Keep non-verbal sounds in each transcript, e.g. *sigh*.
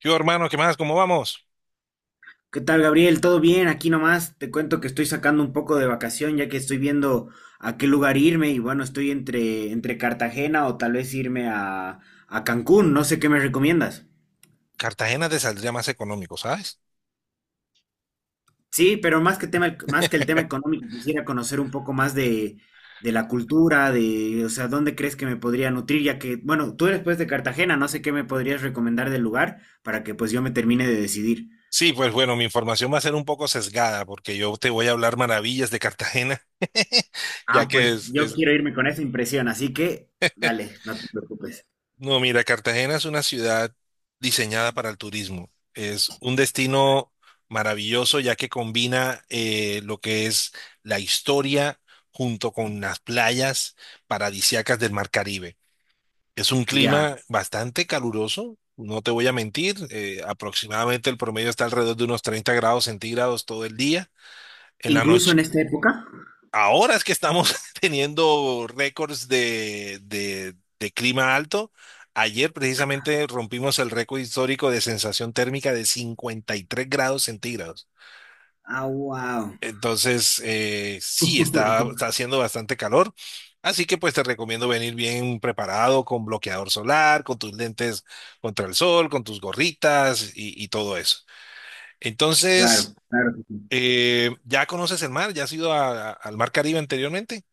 Yo, hermano, ¿qué más? ¿Cómo vamos? ¿Qué tal, Gabriel? ¿Todo bien? Aquí nomás te cuento que estoy sacando un poco de vacación ya que estoy viendo a qué lugar irme y bueno, estoy entre Cartagena o tal vez irme a Cancún, no sé qué me recomiendas. Cartagena te saldría más económico, ¿sabes? Sí, pero más que tema, más que el tema económico, quisiera conocer un poco más de la cultura, de, o sea, dónde crees que me podría nutrir, ya que, bueno, tú eres pues de Cartagena, no sé qué me podrías recomendar del lugar para que pues yo me termine de decidir. Sí, pues bueno, mi información va a ser un poco sesgada porque yo te voy a hablar maravillas de Cartagena, *laughs* ya Ah, que pues es, yo es... quiero irme con esa impresión, así que dale, no te preocupes. No, mira, Cartagena es una ciudad diseñada para el turismo. Es un destino maravilloso ya que combina lo que es la historia junto con las playas paradisíacas del Mar Caribe. Es un Ya. clima bastante caluroso, no te voy a mentir, aproximadamente el promedio está alrededor de unos 30 grados centígrados todo el día, en la Incluso noche. en esta época. Ahora es que estamos *laughs* teniendo récords de clima alto. Ayer precisamente rompimos el récord histórico de sensación térmica de 53 grados centígrados. Ah, wow. Entonces, sí, está *laughs* haciendo bastante calor. Así que pues te recomiendo venir bien preparado con bloqueador solar, con tus lentes contra el sol, con tus gorritas y todo eso. Claro, Entonces, claro, que sí. ¿Ya conoces el mar? ¿Ya has ido al mar Caribe anteriormente?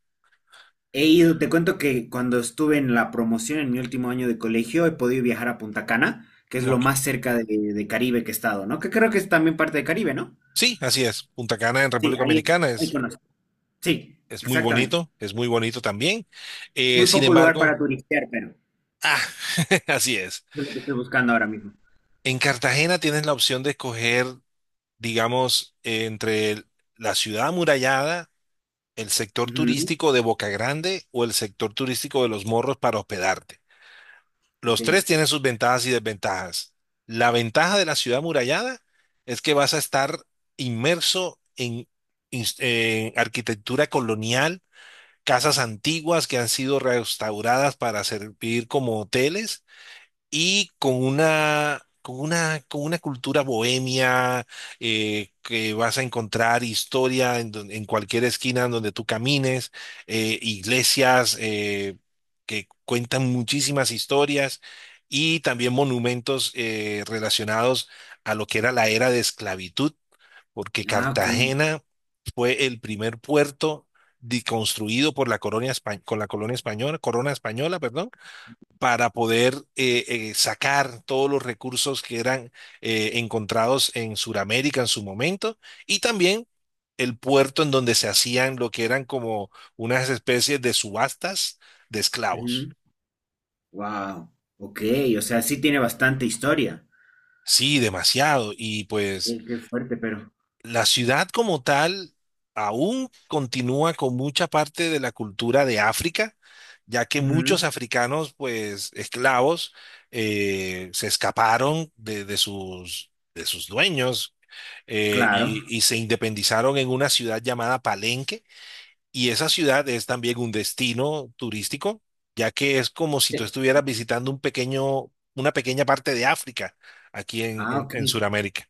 He ido, te cuento que cuando estuve en la promoción en mi último año de colegio, he podido viajar a Punta Cana, que es lo Ok. más cerca de Caribe que he estado, ¿no? Que creo que es también parte de Caribe, ¿no? Sí, así es. Punta Cana en Sí, República ahí es, Dominicana ahí es, conozco. Sí, exactamente. Es muy bonito también. Muy Sin poco lugar embargo, para turistear, pero ah, *laughs* así es. es lo que estoy buscando ahora mismo. En Cartagena tienes la opción de escoger digamos, entre la ciudad amurallada, el sector Ujú. turístico de Boca Grande o el sector turístico de Los Morros para hospedarte. Los Ok. tres tienen sus ventajas y desventajas. La ventaja de la ciudad amurallada es que vas a estar inmerso en, en arquitectura colonial, casas antiguas que han sido restauradas para servir como hoteles y con una cultura bohemia que vas a encontrar historia en, en cualquier esquina en donde tú camines, iglesias que cuentan muchísimas historias y también monumentos relacionados a lo que era la era de esclavitud, porque Ah, ok. Cartagena fue el primer puerto construido por la colonia, con la colonia española, corona española, perdón, para poder sacar todos los recursos que eran encontrados en Sudamérica en su momento y también el puerto en donde se hacían lo que eran como unas especies de subastas de esclavos. Wow. Ok, o sea, sí tiene bastante historia. Sí, demasiado. Y pues Qué fuerte, pero. la ciudad como tal aún continúa con mucha parte de la cultura de África, ya que muchos Ujú. africanos, pues esclavos, se escaparon de sus dueños Claro. Y se independizaron en una ciudad llamada Palenque. Y esa ciudad es también un destino turístico, ya que es como si Sí. tú estuvieras Ok. visitando una pequeña parte de África aquí Ah, ok, en Sudamérica.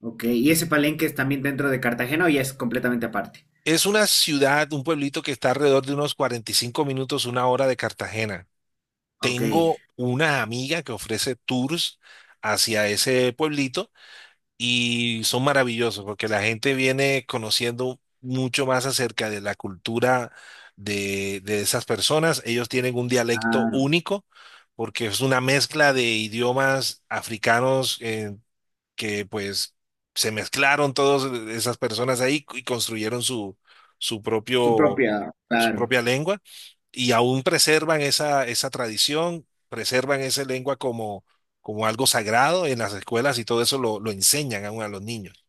ok. ¿Y ese palenque es también dentro de Cartagena o ya es completamente aparte? Es una ciudad, un pueblito que está alrededor de unos 45 minutos, una hora de Cartagena. Ok, Tengo una amiga que ofrece tours hacia ese pueblito y son maravillosos porque la gente viene conociendo mucho más acerca de la cultura de esas personas. Ellos tienen un dialecto claro. único porque es una mezcla de idiomas africanos, que pues se mezclaron todas esas personas ahí y construyeron su Su propio, propia, su claro, propia lengua y aún preservan esa tradición, preservan esa lengua como, como algo sagrado en las escuelas y todo eso lo enseñan aún a los niños.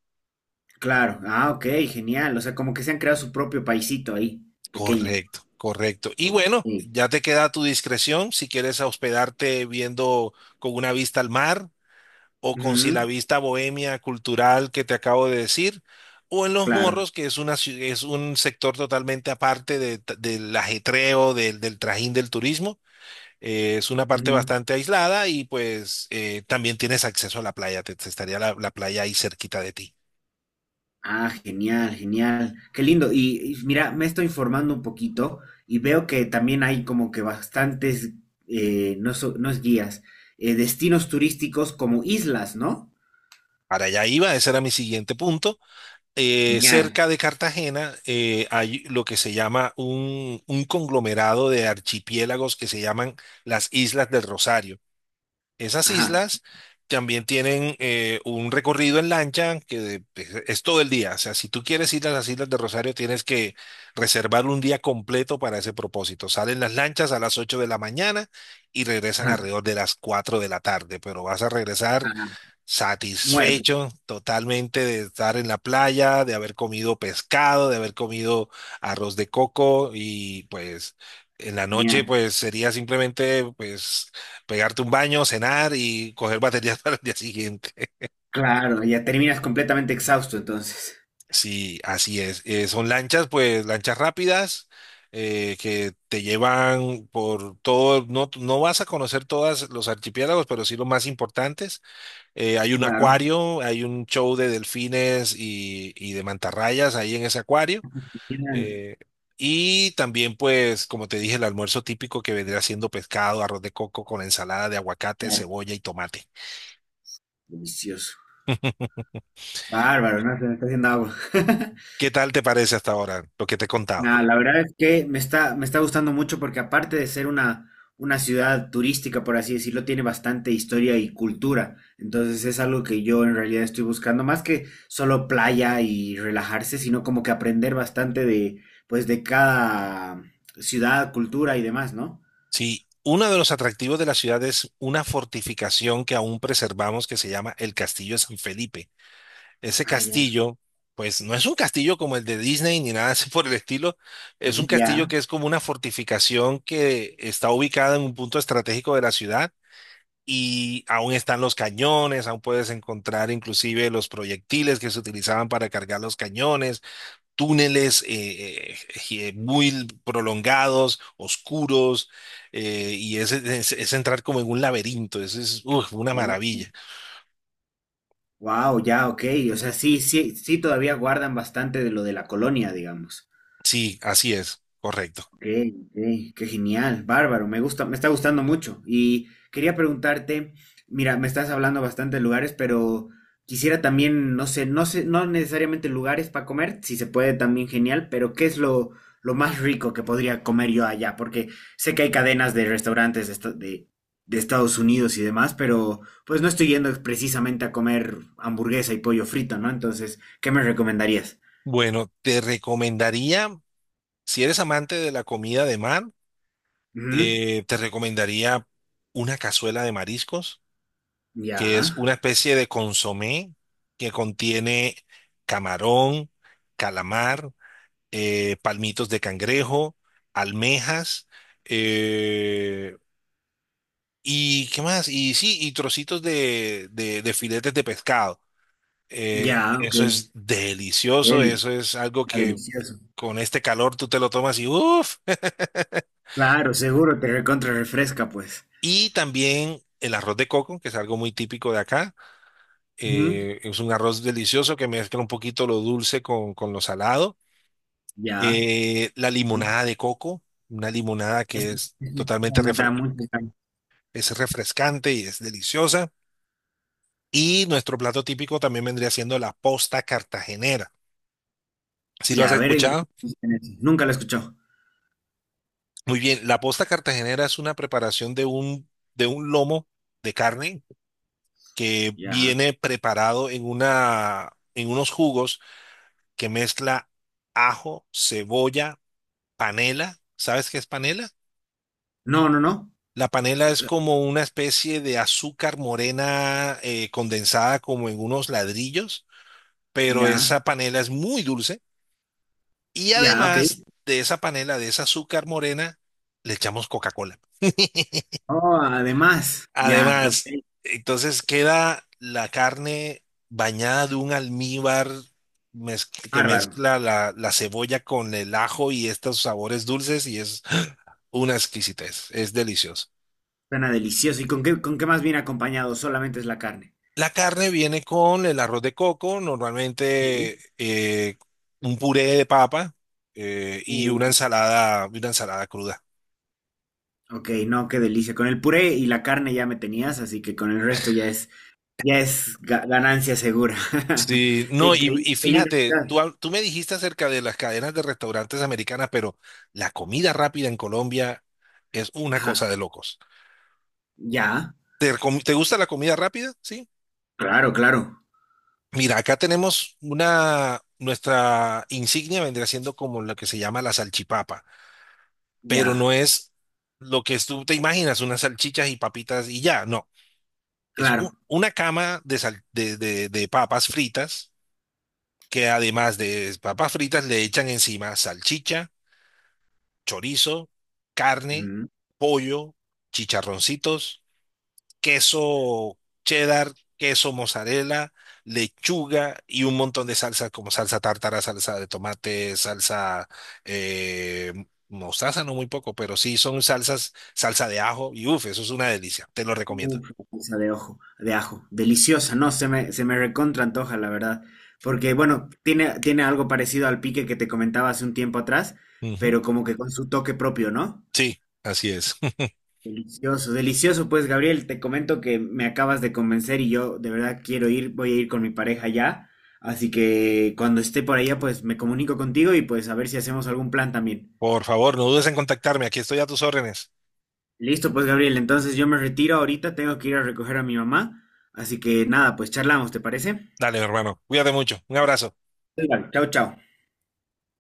claro. Ah, ok, genial. O sea, como que se han creado su propio paisito ahí, pequeño. Correcto, correcto. Y Ok. bueno, ya te queda a tu discreción si quieres hospedarte viendo con una vista al mar o con si Ujú, la vista bohemia cultural que te acabo de decir, o en Los claro. Morros, que es un sector totalmente aparte de del ajetreo, del trajín del turismo. Es una parte Ujú. bastante aislada y pues también tienes acceso a la playa, te estaría la playa ahí cerquita de ti. Ah, genial, genial. Qué lindo. Y mira, me estoy informando un poquito y veo que también hay como que bastantes, no, so- no es guías, destinos turísticos como islas, ¿no? Para allá iba, ese era mi siguiente punto. Genial. Cerca de Cartagena hay lo que se llama un conglomerado de archipiélagos que se llaman las Islas del Rosario. Esas Ajá. islas también tienen un recorrido en lancha que es todo el día. O sea, si tú quieres ir a las Islas de Rosario, tienes que reservar un día completo para ese propósito. Salen las lanchas a las 8 de la mañana y regresan Ajá, alrededor de las 4 de la tarde, pero vas a regresar ajá, muerto. satisfecho totalmente de estar en la playa, de haber comido pescado, de haber comido arroz de coco y pues en la noche Genial. pues sería simplemente pues pegarte un baño, cenar y coger baterías *laughs* para el día siguiente. Claro, ya terminas completamente exhausto entonces. Sí, así es. Son lanchas rápidas que te llevan por todo, no, no vas a conocer todos los archipiélagos, pero sí los más importantes. Hay un Claro. acuario, hay un show de delfines y de mantarrayas ahí en ese acuario. Genial, Eh, y también, pues, como te dije, el almuerzo típico que vendría siendo pescado, arroz de coco con ensalada de aguacate, claro. cebolla y tomate. Delicioso. *laughs* Bárbaro, ¿no? Se me está haciendo agua. *laughs* ¿Qué tal te parece hasta ahora lo que te he contado? Nada, la verdad es que me está gustando mucho porque aparte de ser una ciudad turística, por así decirlo, tiene bastante historia y cultura. Entonces es algo que yo en realidad estoy buscando, más que solo playa y relajarse, sino como que aprender bastante de, pues, de cada ciudad, cultura y demás, ¿no? Sí, uno de los atractivos de la ciudad es una fortificación que aún preservamos que se llama el Castillo de San Felipe. Ese Ah, ya. castillo, pues no es un castillo como el de Disney ni nada así por el estilo, es un *laughs* castillo Ya. que es como una fortificación que está ubicada en un punto estratégico de la ciudad y aún están los cañones, aún puedes encontrar inclusive los proyectiles que se utilizaban para cargar los cañones, túneles muy prolongados, oscuros, es entrar como en un laberinto, es uf, una Oh. maravilla. Wow, ya, ok. O sea, sí, sí, sí, todavía guardan bastante de lo de la colonia, digamos. Sí, así es, correcto. Okay, ok, qué genial, bárbaro, me gusta, me está gustando mucho. Y quería preguntarte, mira, me estás hablando bastante de lugares, pero quisiera también, no sé, no sé, no necesariamente lugares para comer, si se puede también genial, pero ¿qué es lo más rico que podría comer yo allá? Porque sé que hay cadenas de restaurantes de, esta- de Estados Unidos y demás, pero pues no estoy yendo precisamente a comer hamburguesa y pollo frito, ¿no? Entonces, ¿qué me recomendarías? Bueno, te recomendaría, si eres amante de la comida de mar, Ujú. Te recomendaría una cazuela de mariscos, que Ya, es una especie de consomé que contiene camarón, calamar, palmitos de cangrejo, almejas, eh, y qué más, y sí, y trocitos de filetes de pescado. Ya, ok. Eso es delicioso, Deli. eso es algo Está que delicioso. con este calor tú te lo tomas y uff. *laughs* Claro, seguro te recontra refresca, pues. Y también el arroz de coco, que es algo muy típico de acá. Ujú. Es un arroz delicioso que mezcla un poquito lo dulce con lo salado. Ya. La limonada de coco, una limonada Es- que es es- totalmente me da mucho- es refrescante y es deliciosa. Y nuestro plato típico también vendría siendo la posta cartagenera. ¿Sí Y lo has a ver, ¿en qué escuchado? consiste? Nunca lo escuchó. Muy bien, la posta cartagenera es una preparación de un lomo de carne que Ya. viene preparado en unos jugos que mezcla ajo, cebolla, panela. ¿Sabes qué es panela? No, no, no. La panela es como una especie de azúcar morena condensada como en unos ladrillos, pero Ya. esa panela es muy dulce y Ya, ok. además de esa panela, de esa azúcar morena, le echamos Coca-Cola. *laughs* Oh, además. Ya, ok. Además, entonces queda la carne bañada de un almíbar que Bárbaro. mezcla la cebolla con el ajo y estos sabores dulces y es una exquisitez, es delicioso. Suena delicioso. ¿Y con qué más viene acompañado? Solamente es la carne. La carne viene con el arroz de coco, Sí. normalmente un puré de papa y Uy. Una ensalada cruda. Ok, no, qué delicia. Con el puré y la carne ya me tenías, así que con el resto ya es ga- ganancia segura. *laughs* Sí, Qué no, increíble. y Qué linda fíjate, ciudad. Tú me dijiste acerca de las cadenas de restaurantes americanas, pero la comida rápida en Colombia es una Ajá, cosa de locos. ya, ¿Te, te gusta la comida rápida? Sí. claro, claro, Mira, acá tenemos una, nuestra insignia vendría siendo como lo que se llama la salchipapa, pero ya, no es lo que tú te imaginas, unas salchichas y papitas y ya, no. Es claro. una cama de papas fritas que además de papas fritas le echan encima salchicha, chorizo, carne, Mm. pollo, chicharroncitos, queso cheddar, queso mozzarella, lechuga y un montón de salsas como salsa tártara, salsa de tomate, salsa eh, mostaza, no muy poco, pero sí son salsas, salsa de ajo y uff, eso es una delicia, te lo recomiendo. Uf, la salsa de ojo, de ajo, deliciosa, no, se me recontra antoja, la verdad. Porque, bueno, tiene, tiene algo parecido al pique que te comentaba hace un tiempo atrás, Ujú. pero como que con su toque propio, ¿no? Sí, así es. *laughs* Delicioso, delicioso, pues, Gabriel, te comento que me acabas de convencer y yo de verdad quiero ir, voy a ir con mi pareja ya. Así que cuando esté por allá, pues me comunico contigo y pues a ver si hacemos algún plan también. Por favor, no dudes en contactarme, aquí estoy a tus órdenes. Listo, pues Gabriel, entonces yo me retiro ahorita, tengo que ir a recoger a mi mamá, así que nada, pues charlamos, ¿te parece? Dale, hermano, cuídate mucho, un abrazo. Chao, chao.